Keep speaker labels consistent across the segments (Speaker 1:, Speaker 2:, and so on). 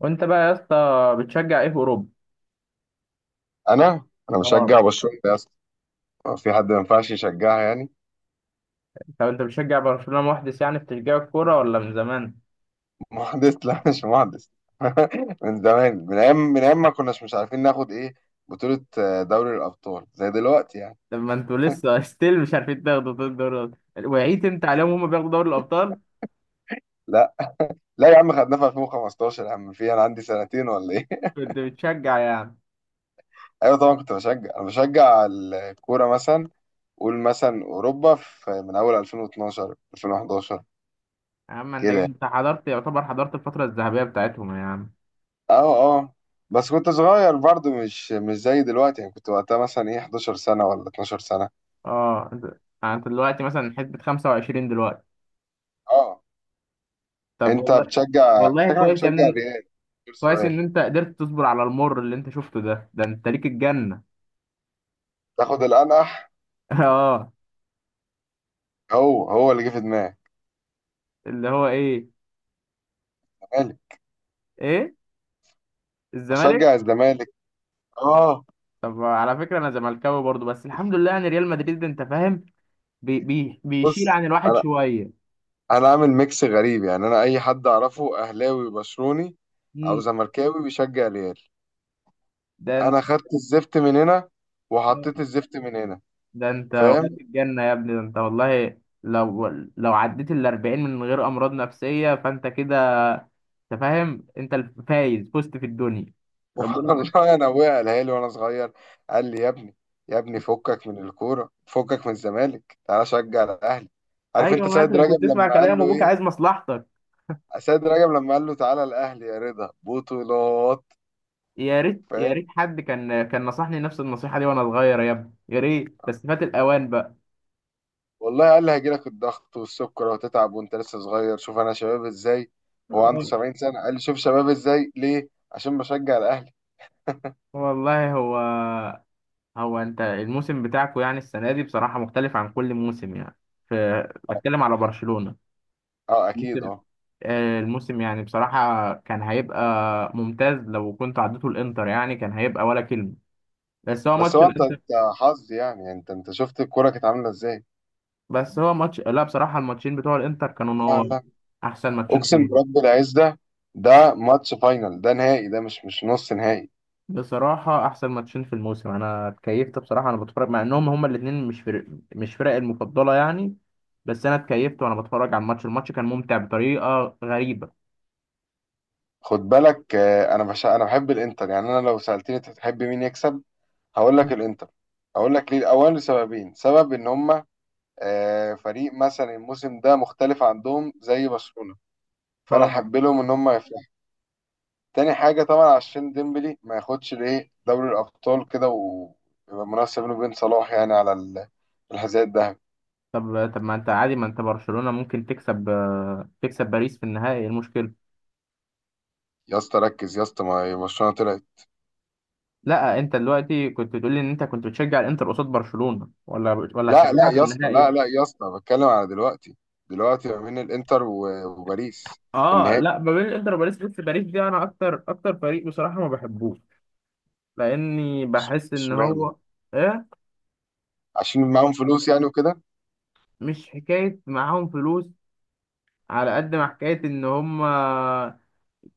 Speaker 1: وانت بقى يا اسطى بتشجع ايه في اوروبا؟
Speaker 2: انا
Speaker 1: اه.
Speaker 2: بشجع برشلونه يا اسطى. هو في حد ما ينفعش يشجعها يعني؟
Speaker 1: طب انت بتشجع برشلونة محدث يعني في تشجيع الكوره، ولا من زمان؟
Speaker 2: محدث، لا مش محدث. من زمان، من ايام، ما كناش مش عارفين ناخد ايه بطوله. دوري الابطال زي دلوقتي يعني.
Speaker 1: طب ما انتوا لسه ستيل مش عارفين تاخدوا دوري الابطال، وعيت انت عليهم هم بياخدوا دوري الابطال.
Speaker 2: لا لا يا عم، خدناها في 2015 يا عم. في، انا عندي سنتين ولا ايه؟
Speaker 1: كنت بتشجع يعني.
Speaker 2: ايوه طبعا، كنت بشجع انا بشجع الكوره. مثلا قول مثلا اوروبا في من اول 2012، 2011
Speaker 1: يا عم
Speaker 2: كده.
Speaker 1: انت حضرت، يعتبر حضرت الفتره الذهبيه بتاعتهم يا عم.
Speaker 2: اه اه. بس كنت صغير برضه، مش زي دلوقتي يعني. كنت وقتها مثلا ايه 11 سنه ولا 12 سنه.
Speaker 1: اه انت. يعني انت دلوقتي مثلا حسبة 25 دلوقتي.
Speaker 2: اه،
Speaker 1: طب
Speaker 2: انت
Speaker 1: والله. والله
Speaker 2: شكلك
Speaker 1: كويس يا
Speaker 2: بتشجع
Speaker 1: ابني.
Speaker 2: الريال. غير
Speaker 1: كويس
Speaker 2: سؤال.
Speaker 1: ان انت قدرت تصبر على المر اللي انت شفته ده، ده انت ليك الجنه.
Speaker 2: تاخد الانقح.
Speaker 1: اه.
Speaker 2: هو اللي جه في دماغي.
Speaker 1: اللي هو ايه؟
Speaker 2: الزمالك.
Speaker 1: ايه؟ الزمالك؟
Speaker 2: اشجع الزمالك. اه.
Speaker 1: طب على فكرة أنا زملكاوي برضو، بس الحمد لله يعني ريال مدريد أنت فاهم بي بيشيل
Speaker 2: بص.
Speaker 1: عن الواحد
Speaker 2: انا
Speaker 1: شوية.
Speaker 2: انا عامل ميكس غريب. يعني انا اي حد اعرفه اهلاوي بشروني، او
Speaker 1: مم.
Speaker 2: زملكاوي بيشجع الريال.
Speaker 1: ده أنت.
Speaker 2: انا خدت الزفت من هنا، وحطيت الزفت من هنا.
Speaker 1: ده أنت وليت
Speaker 2: فاهم.
Speaker 1: الجنة يا ابني، ده أنت والله لو، لو عديت ال 40 من غير أمراض نفسية فأنت كده، أنت فاهم أنت الفايز، فزت في الدنيا. ربنا معاك.
Speaker 2: والله انا ابويا قالها لي وانا صغير. قال لي: يا ابني، يا ابني فكك من الكوره، فكك من الزمالك، تعالى شجع الاهلي. عارف
Speaker 1: أيوه،
Speaker 2: انت سيد
Speaker 1: مثلا
Speaker 2: رجب
Speaker 1: كنت تسمع
Speaker 2: لما قال
Speaker 1: كلام
Speaker 2: له
Speaker 1: أبوك عايز
Speaker 2: ايه؟
Speaker 1: مصلحتك.
Speaker 2: سيد رجب لما قال له تعالى الاهلي يا رضا بطولات.
Speaker 1: يا ريت، يا ريت
Speaker 2: فاهم.
Speaker 1: حد كان نصحني نفس النصيحة دي وأنا صغير يا ابني، يا ريت، بس فات الأوان بقى.
Speaker 2: والله قال لي هيجيلك الضغط والسكر وهتتعب وانت لسه صغير، شوف انا شباب ازاي. هو عنده
Speaker 1: آه،
Speaker 2: 70 سنه، قال لي شوف شباب ازاي ليه، عشان بشجع الاهلي.
Speaker 1: والله هو، هو انت الموسم بتاعكو يعني السنه دي بصراحه مختلف عن كل موسم يعني. ف بتكلم على برشلونه.
Speaker 2: اه اكيد
Speaker 1: ممكن
Speaker 2: اه.
Speaker 1: الموسم يعني بصراحه كان هيبقى ممتاز لو كنت عديته الانتر، يعني كان هيبقى ولا كلمه. بس هو
Speaker 2: بس
Speaker 1: ماتش
Speaker 2: هو انت
Speaker 1: الانتر.
Speaker 2: انت حظ يعني، انت شفت الكوره كانت عامله ازاي.
Speaker 1: بس هو ماتش، لا بصراحه الماتشين بتوع الانتر كانوا
Speaker 2: لا
Speaker 1: نور،
Speaker 2: لا.
Speaker 1: احسن ماتشين في
Speaker 2: اقسم
Speaker 1: الموسم.
Speaker 2: برب العز ده، ده ماتش فاينل، ده نهائي، ده مش نص نهائي.
Speaker 1: بصراحه احسن ماتشين في الموسم، انا اتكيفت بصراحه، انا بتفرج مع انهم هما الاثنين مش فرق، مش فرق المفضله يعني. بس انا اتكيفت وانا بتفرج على الماتش، الماتش كان ممتع بطريقه غريبه.
Speaker 2: خد بالك. انا بحب الانتر يعني. انا لو سالتني انت تحب مين يكسب هقول لك الانتر. هقول لك ليه الاول، لسببين. سبب ان هم فريق مثلا الموسم ده مختلف عندهم زي برشلونه، فانا
Speaker 1: اه.
Speaker 2: احب لهم ان هم يفلحوا. تاني حاجه طبعا، عشان ديمبلي ما ياخدش ليه دوري الابطال كده، ويبقى منافسه بينه وبين صلاح يعني على الحذاء الذهبي.
Speaker 1: طب طب ما انت عادي، ما انت برشلونة ممكن تكسب، تكسب باريس في النهائي، إيه المشكلة؟
Speaker 2: يا اسطى ركز يا اسطى، ما هي برشلونه طلعت.
Speaker 1: لا انت دلوقتي كنت بتقول لي ان انت كنت بتشجع الانتر قصاد برشلونة، ولا هتشجعها في النهائي؟
Speaker 2: لا لا يا اسطى بتكلم على دلوقتي. دلوقتي ما بين الانتر وباريس في
Speaker 1: اه
Speaker 2: النهائي.
Speaker 1: لا، ما بين الانتر وباريس، بس باريس دي انا اكتر فريق بصراحة ما بحبوش. لاني بحس ان
Speaker 2: اشمعنى؟
Speaker 1: هو. ايه.
Speaker 2: عشان معاهم فلوس يعني وكده.
Speaker 1: مش حكاية معاهم فلوس، على قد ما حكاية ان هم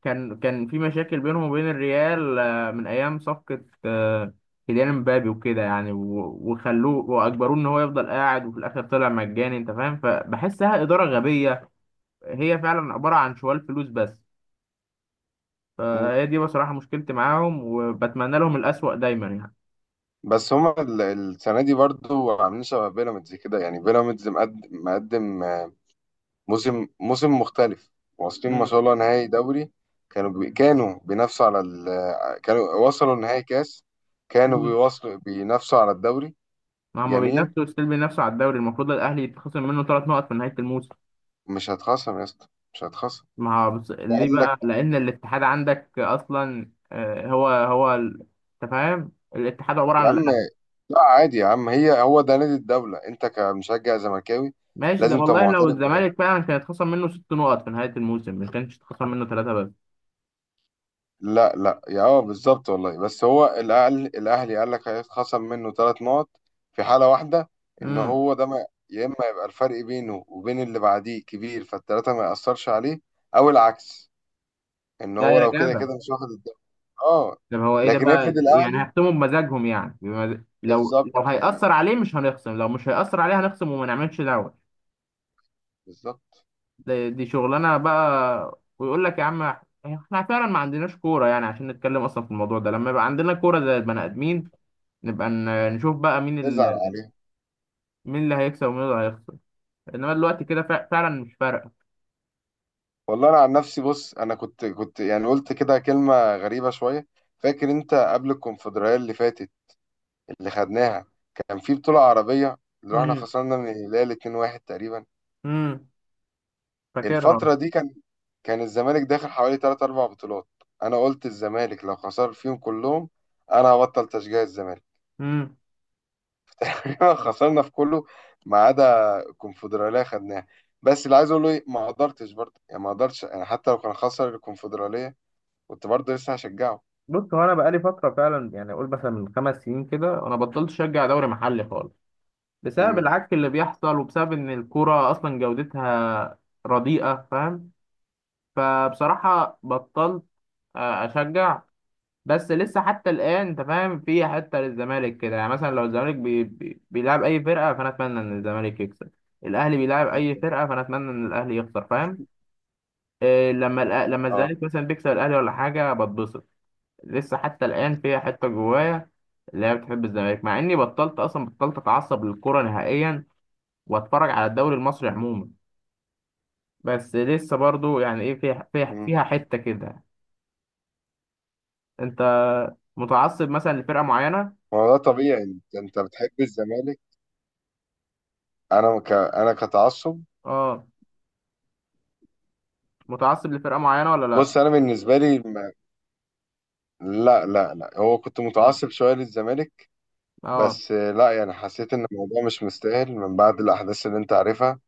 Speaker 1: كان في مشاكل بينهم وبين الريال من ايام صفقه كيليان مبابي وكده يعني وخلوه واجبروه ان هو يفضل قاعد وفي الاخر طلع مجاني انت فاهم، فبحسها اداره غبيه، هي فعلا عباره عن شوال فلوس بس. فهي دي بصراحه مشكلتي معاهم، وبتمنى لهم الاسوأ دايما يعني.
Speaker 2: بس هما السنة دي برضو عاملين شبه بيراميدز كده، يعني بيراميدز مقدم، مقدم. موسم مختلف. واصلين ما
Speaker 1: مم.
Speaker 2: شاء الله نهائي دوري. كانوا بينافسوا على ال آه، كانوا وصلوا نهائي كاس. كانوا
Speaker 1: مم.
Speaker 2: بينافسوا على الدوري.
Speaker 1: ما هم
Speaker 2: جميل.
Speaker 1: بينافسوا ستيل، بينافسوا على الدوري، المفروض الاهلي يتخصم منه ثلاث نقط في نهايه الموسم.
Speaker 2: مش هتخصم يا اسطى، مش هتخصم.
Speaker 1: ما هو ليه
Speaker 2: قال لك.
Speaker 1: بقى؟ لان الاتحاد عندك اصلا هو ال-، انت فاهم الاتحاد عباره عن
Speaker 2: يا عم،
Speaker 1: الاهلي.
Speaker 2: لا عادي يا عم، هو ده نادي الدولة، انت كمشجع زملكاوي
Speaker 1: ماشي ده،
Speaker 2: لازم تبقى
Speaker 1: والله لو
Speaker 2: معترف بده.
Speaker 1: الزمالك فعلا كان اتخصم منه ست نقط في نهايه الموسم ما كانش اتخصم منه ثلاثه بس.
Speaker 2: لا لا يا، بالظبط والله. بس هو الاهلي قال لك هيتخصم منه ثلاث نقط. في حاله واحده، ان
Speaker 1: امم.
Speaker 2: هو ده، ما، يا اما يبقى الفرق بينه وبين اللي بعديه كبير فالثلاثه ما ياثرش عليه، او العكس، ان
Speaker 1: ده
Speaker 2: هو
Speaker 1: يا
Speaker 2: لو كده
Speaker 1: جدع.
Speaker 2: كده مش واخد الدوري. اه.
Speaker 1: طب هو ايه ده
Speaker 2: لكن
Speaker 1: بقى
Speaker 2: افرض
Speaker 1: يعني؟
Speaker 2: الاهلي،
Speaker 1: هيختموا بمزاجهم يعني لو
Speaker 2: بالظبط
Speaker 1: لو
Speaker 2: يعني،
Speaker 1: هيأثر عليه مش هنخصم، لو مش هيأثر عليه هنخصم وما نعملش دعوه.
Speaker 2: بالظبط.
Speaker 1: دي, شغلانه بقى، ويقول لك يا عم احنا فعلا ما عندناش كوره يعني، عشان نتكلم اصلا في الموضوع ده. لما يبقى عندنا كوره زي البني ادمين نبقى نشوف بقى مين
Speaker 2: تزعل
Speaker 1: ال...،
Speaker 2: عليه.
Speaker 1: مين اللي هيكسب ومين اللي هيخسر. انما دلوقتي كده فعلا مش فارقه.
Speaker 2: والله انا عن نفسي بص، انا كنت يعني قلت كده كلمه غريبه شويه. فاكر انت قبل الكونفدراليه اللي فاتت، اللي خدناها، كان في بطولة عربية اللي احنا
Speaker 1: امم.
Speaker 2: خسرنا من الهلال 2-1 تقريبا.
Speaker 1: امم. فاكرها.
Speaker 2: الفترة دي كان الزمالك داخل حوالي 3 4 بطولات. انا قلت الزمالك لو خسر فيهم كلهم انا هبطل تشجيع الزمالك.
Speaker 1: امم.
Speaker 2: خسرنا في كله ما عدا الكونفدرالية خدناها. بس اللي عايز اقوله ايه، ما قدرتش يعني، حتى لو كان خسر الكونفدرالية كنت برضه لسه هشجعه.
Speaker 1: بص هو انا بقالي فتره فعلا، يعني اقول مثلا من خمس سنين كده، انا بطلت اشجع دوري محلي خالص بسبب
Speaker 2: امم.
Speaker 1: العك اللي بيحصل، وبسبب ان الكوره اصلا جودتها رديئه فاهم. فبصراحه بطلت اشجع. بس لسه حتى الآن أنت فاهم في حتة للزمالك كده، يعني مثلا لو الزمالك بيلعب أي فرقة فأنا أتمنى إن الزمالك يكسب. الأهلي بيلعب أي فرقة فأنا أتمنى إن الأهلي يخسر فاهم. إيه لما لما
Speaker 2: اه.
Speaker 1: الزمالك مثلا بيكسب الأهلي ولا حاجة بتبسط. لسه حتى الآن فيها حتة جوايا، اللي هي بتحب الزمالك، مع إني بطلت، أصلا بطلت أتعصب للكورة نهائيا وأتفرج على الدوري المصري عموما. بس لسه برضو يعني إيه، فيها فيها
Speaker 2: امم.
Speaker 1: فيها حتة كده. أنت متعصب مثلا لفرقة معينة؟
Speaker 2: ما هو ده طبيعي يعني، انت بتحب الزمالك. انا كتعصب.
Speaker 1: اه، متعصب لفرقة معينة ولا لا؟
Speaker 2: بص انا بالنسبه لي لا لا لا، هو كنت متعصب شويه للزمالك،
Speaker 1: اه.
Speaker 2: بس لا يعني حسيت ان الموضوع مش مستاهل من بعد الاحداث اللي انت عارفها.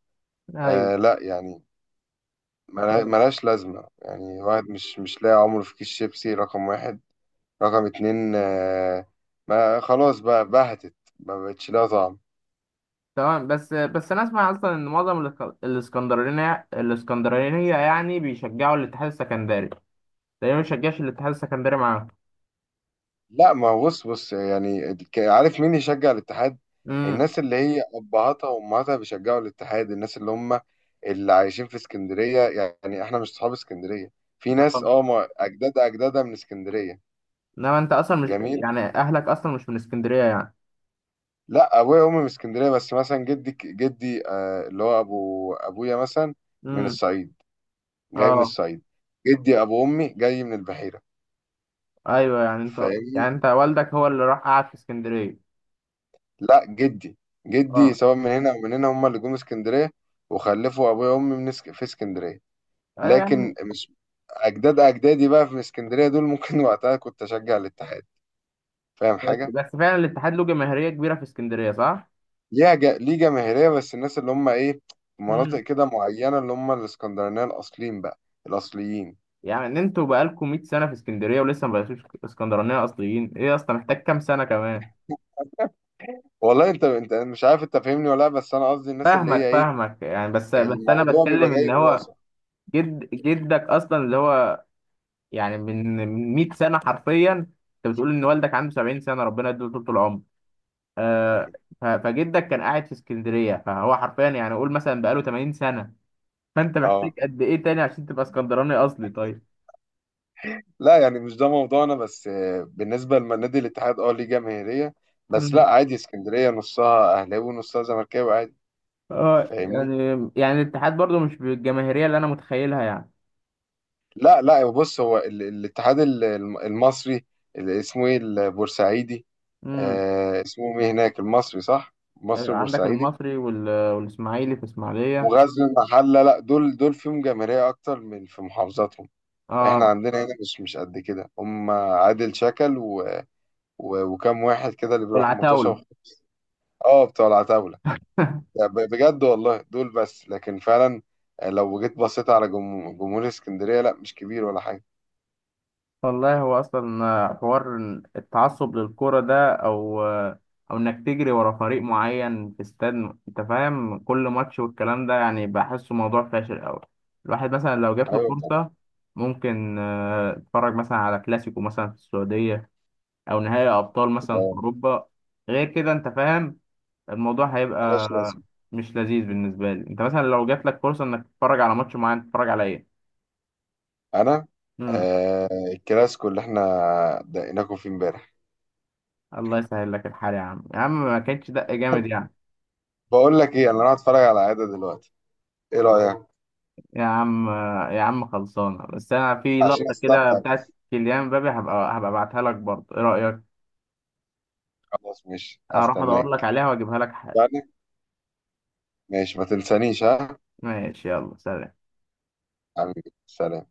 Speaker 1: ايوه.
Speaker 2: لا يعني ملهاش لازمه يعني. واحد مش لاقي عمره في كيس شيبسي رقم واحد، رقم اتنين ما خلاص بقى بهتت، ما بقتش لها طعم.
Speaker 1: تمام. بس بس انا اسمع اصلا ان معظم الاسكندرانية يعني بيشجعوا الاتحاد السكندري. تقريبا ما بيشجعش الاتحاد السكندري معاهم.
Speaker 2: لا ما هو، بص يعني، عارف مين يشجع الاتحاد؟
Speaker 1: امم.
Speaker 2: الناس اللي هي ابهاتها وامهاتها بيشجعوا الاتحاد، الناس اللي هم اللي عايشين في اسكندريه. يعني احنا مش اصحاب اسكندريه، في ناس
Speaker 1: آه.
Speaker 2: اجداد اجدادها من اسكندريه.
Speaker 1: انما انت اصلا مش
Speaker 2: جميل.
Speaker 1: يعني، اهلك اصلا مش من اسكندرية يعني.
Speaker 2: لا ابويا وامي من اسكندريه، بس مثلا جدي اللي هو ابو ابويا مثلا من
Speaker 1: امم.
Speaker 2: الصعيد، جاي من
Speaker 1: اه.
Speaker 2: الصعيد. جدي ابو امي جاي من البحيره.
Speaker 1: ايوه يعني انت، يعني
Speaker 2: فاهمني؟
Speaker 1: انت والدك هو اللي راح قعد في اسكندرية.
Speaker 2: لا جدي، جدي
Speaker 1: اه.
Speaker 2: سواء من هنا او من هنا، هم اللي جم اسكندريه، وخلفوا ابويا وامي في اسكندريه.
Speaker 1: ايوه يا عم.
Speaker 2: لكن مش اجداد اجدادي، بقى في اسكندريه دول ممكن وقتها كنت اشجع الاتحاد. فاهم
Speaker 1: بس
Speaker 2: حاجه.
Speaker 1: بس فعلا الاتحاد له جماهيرية كبيرة في اسكندرية صح؟
Speaker 2: ليه جماهيريه، بس الناس اللي هم ايه، في مناطق
Speaker 1: امم.
Speaker 2: كده معينه، اللي هم الاسكندرانيه الاصليين بقى، الاصليين.
Speaker 1: يعني انتوا بقالكم 100 سنة في اسكندرية ولسه ما بقيتوش اسكندرانية اصليين؟ ايه اصلا محتاج كام سنة كمان؟
Speaker 2: والله انت انت أنا مش عارف انت فاهمني ولا لا، بس انا قصدي الناس اللي هي
Speaker 1: فاهمك
Speaker 2: ايه،
Speaker 1: فاهمك يعني، بس بس انا
Speaker 2: الموضوع بيبقى
Speaker 1: بتكلم ان
Speaker 2: جاي
Speaker 1: هو
Speaker 2: براسه
Speaker 1: جد جدك اصلا اللي هو، يعني من من 100 سنة حرفيا، انت بتقول ان والدك عنده 70 سنة ربنا يديله طول العمر، آه
Speaker 2: يعني.
Speaker 1: ف- فجدك كان قاعد في اسكندرية، فهو حرفيا يعني قول مثلا بقاله 80 سنة. فانت محتاج
Speaker 2: اه.
Speaker 1: قد ايه تاني عشان تبقى اسكندراني اصلي طيب؟
Speaker 2: لا يعني مش ده موضوعنا، بس بالنسبة لنادي الاتحاد ليه جماهيرية. بس
Speaker 1: مم.
Speaker 2: لا عادي، اسكندرية نصها أهلاوي ونصها زملكاوي عادي.
Speaker 1: اه
Speaker 2: فاهمني؟
Speaker 1: يعني، يعني الاتحاد برضو مش بالجماهيرية اللي انا متخيلها يعني.
Speaker 2: لا لا بص، هو الاتحاد المصري، اللي اسمه ايه، البورسعيدي.
Speaker 1: مم.
Speaker 2: اسمه ايه هناك، المصري صح؟ مصري
Speaker 1: عندك
Speaker 2: بورسعيدي.
Speaker 1: المصري والاسماعيلي في اسماعيليه.
Speaker 2: وغزل المحلة. لا دول فيهم جماهيرية أكتر من في محافظاتهم. احنا
Speaker 1: اه.
Speaker 2: عندنا هنا مش قد كده، هم عادل شكل وكم واحد كده اللي بيروحوا مطوشة
Speaker 1: والعتاوله.
Speaker 2: اه، بتوع العتاولة. لا، بجد والله دول بس، لكن فعلا لو جيت بصيت على جمهور اسكندريه، لا مش كبير ولا حاجه.
Speaker 1: والله هو اصلا حوار إن التعصب للكرة ده او او انك تجري ورا فريق معين في استاد انت فاهم كل ماتش والكلام ده يعني بحسه موضوع فاشل قوي. الواحد مثلا لو جات له
Speaker 2: ايوه طبعا.
Speaker 1: فرصة ممكن يتفرج مثلا على كلاسيكو مثلا في السعودية، او نهائي ابطال مثلا في
Speaker 2: آه،
Speaker 1: اوروبا. غير كده انت فاهم الموضوع
Speaker 2: ملهاش
Speaker 1: هيبقى
Speaker 2: لازمه.
Speaker 1: مش لذيذ بالنسبة لي. انت مثلا لو جات لك فرصة انك تتفرج على ماتش معين تتفرج على ايه؟
Speaker 2: انا
Speaker 1: امم.
Speaker 2: آه الكلاسيكو اللي احنا دقيناكم فيه امبارح.
Speaker 1: الله يسهل لك الحال يا عم، يا عم ما كانتش دق جامد يعني.
Speaker 2: بقول لك ايه، انا راح اتفرج على عاده دلوقتي. ايه رايك؟
Speaker 1: يا عم، يا عم خلصانة، بس انا في
Speaker 2: عشان
Speaker 1: لقطة كده
Speaker 2: استمتع
Speaker 1: بتاعت
Speaker 2: بس.
Speaker 1: كيليان مبابي هبقى ابعتها لك برضه ايه رأيك؟
Speaker 2: خلاص ماشي،
Speaker 1: هروح ادور لك
Speaker 2: استناك.
Speaker 1: عليها واجيبها لك حالا.
Speaker 2: يعني، ماشي ما تنسانيش ها.
Speaker 1: ماشي يلا سلام.
Speaker 2: حبيبي سلام.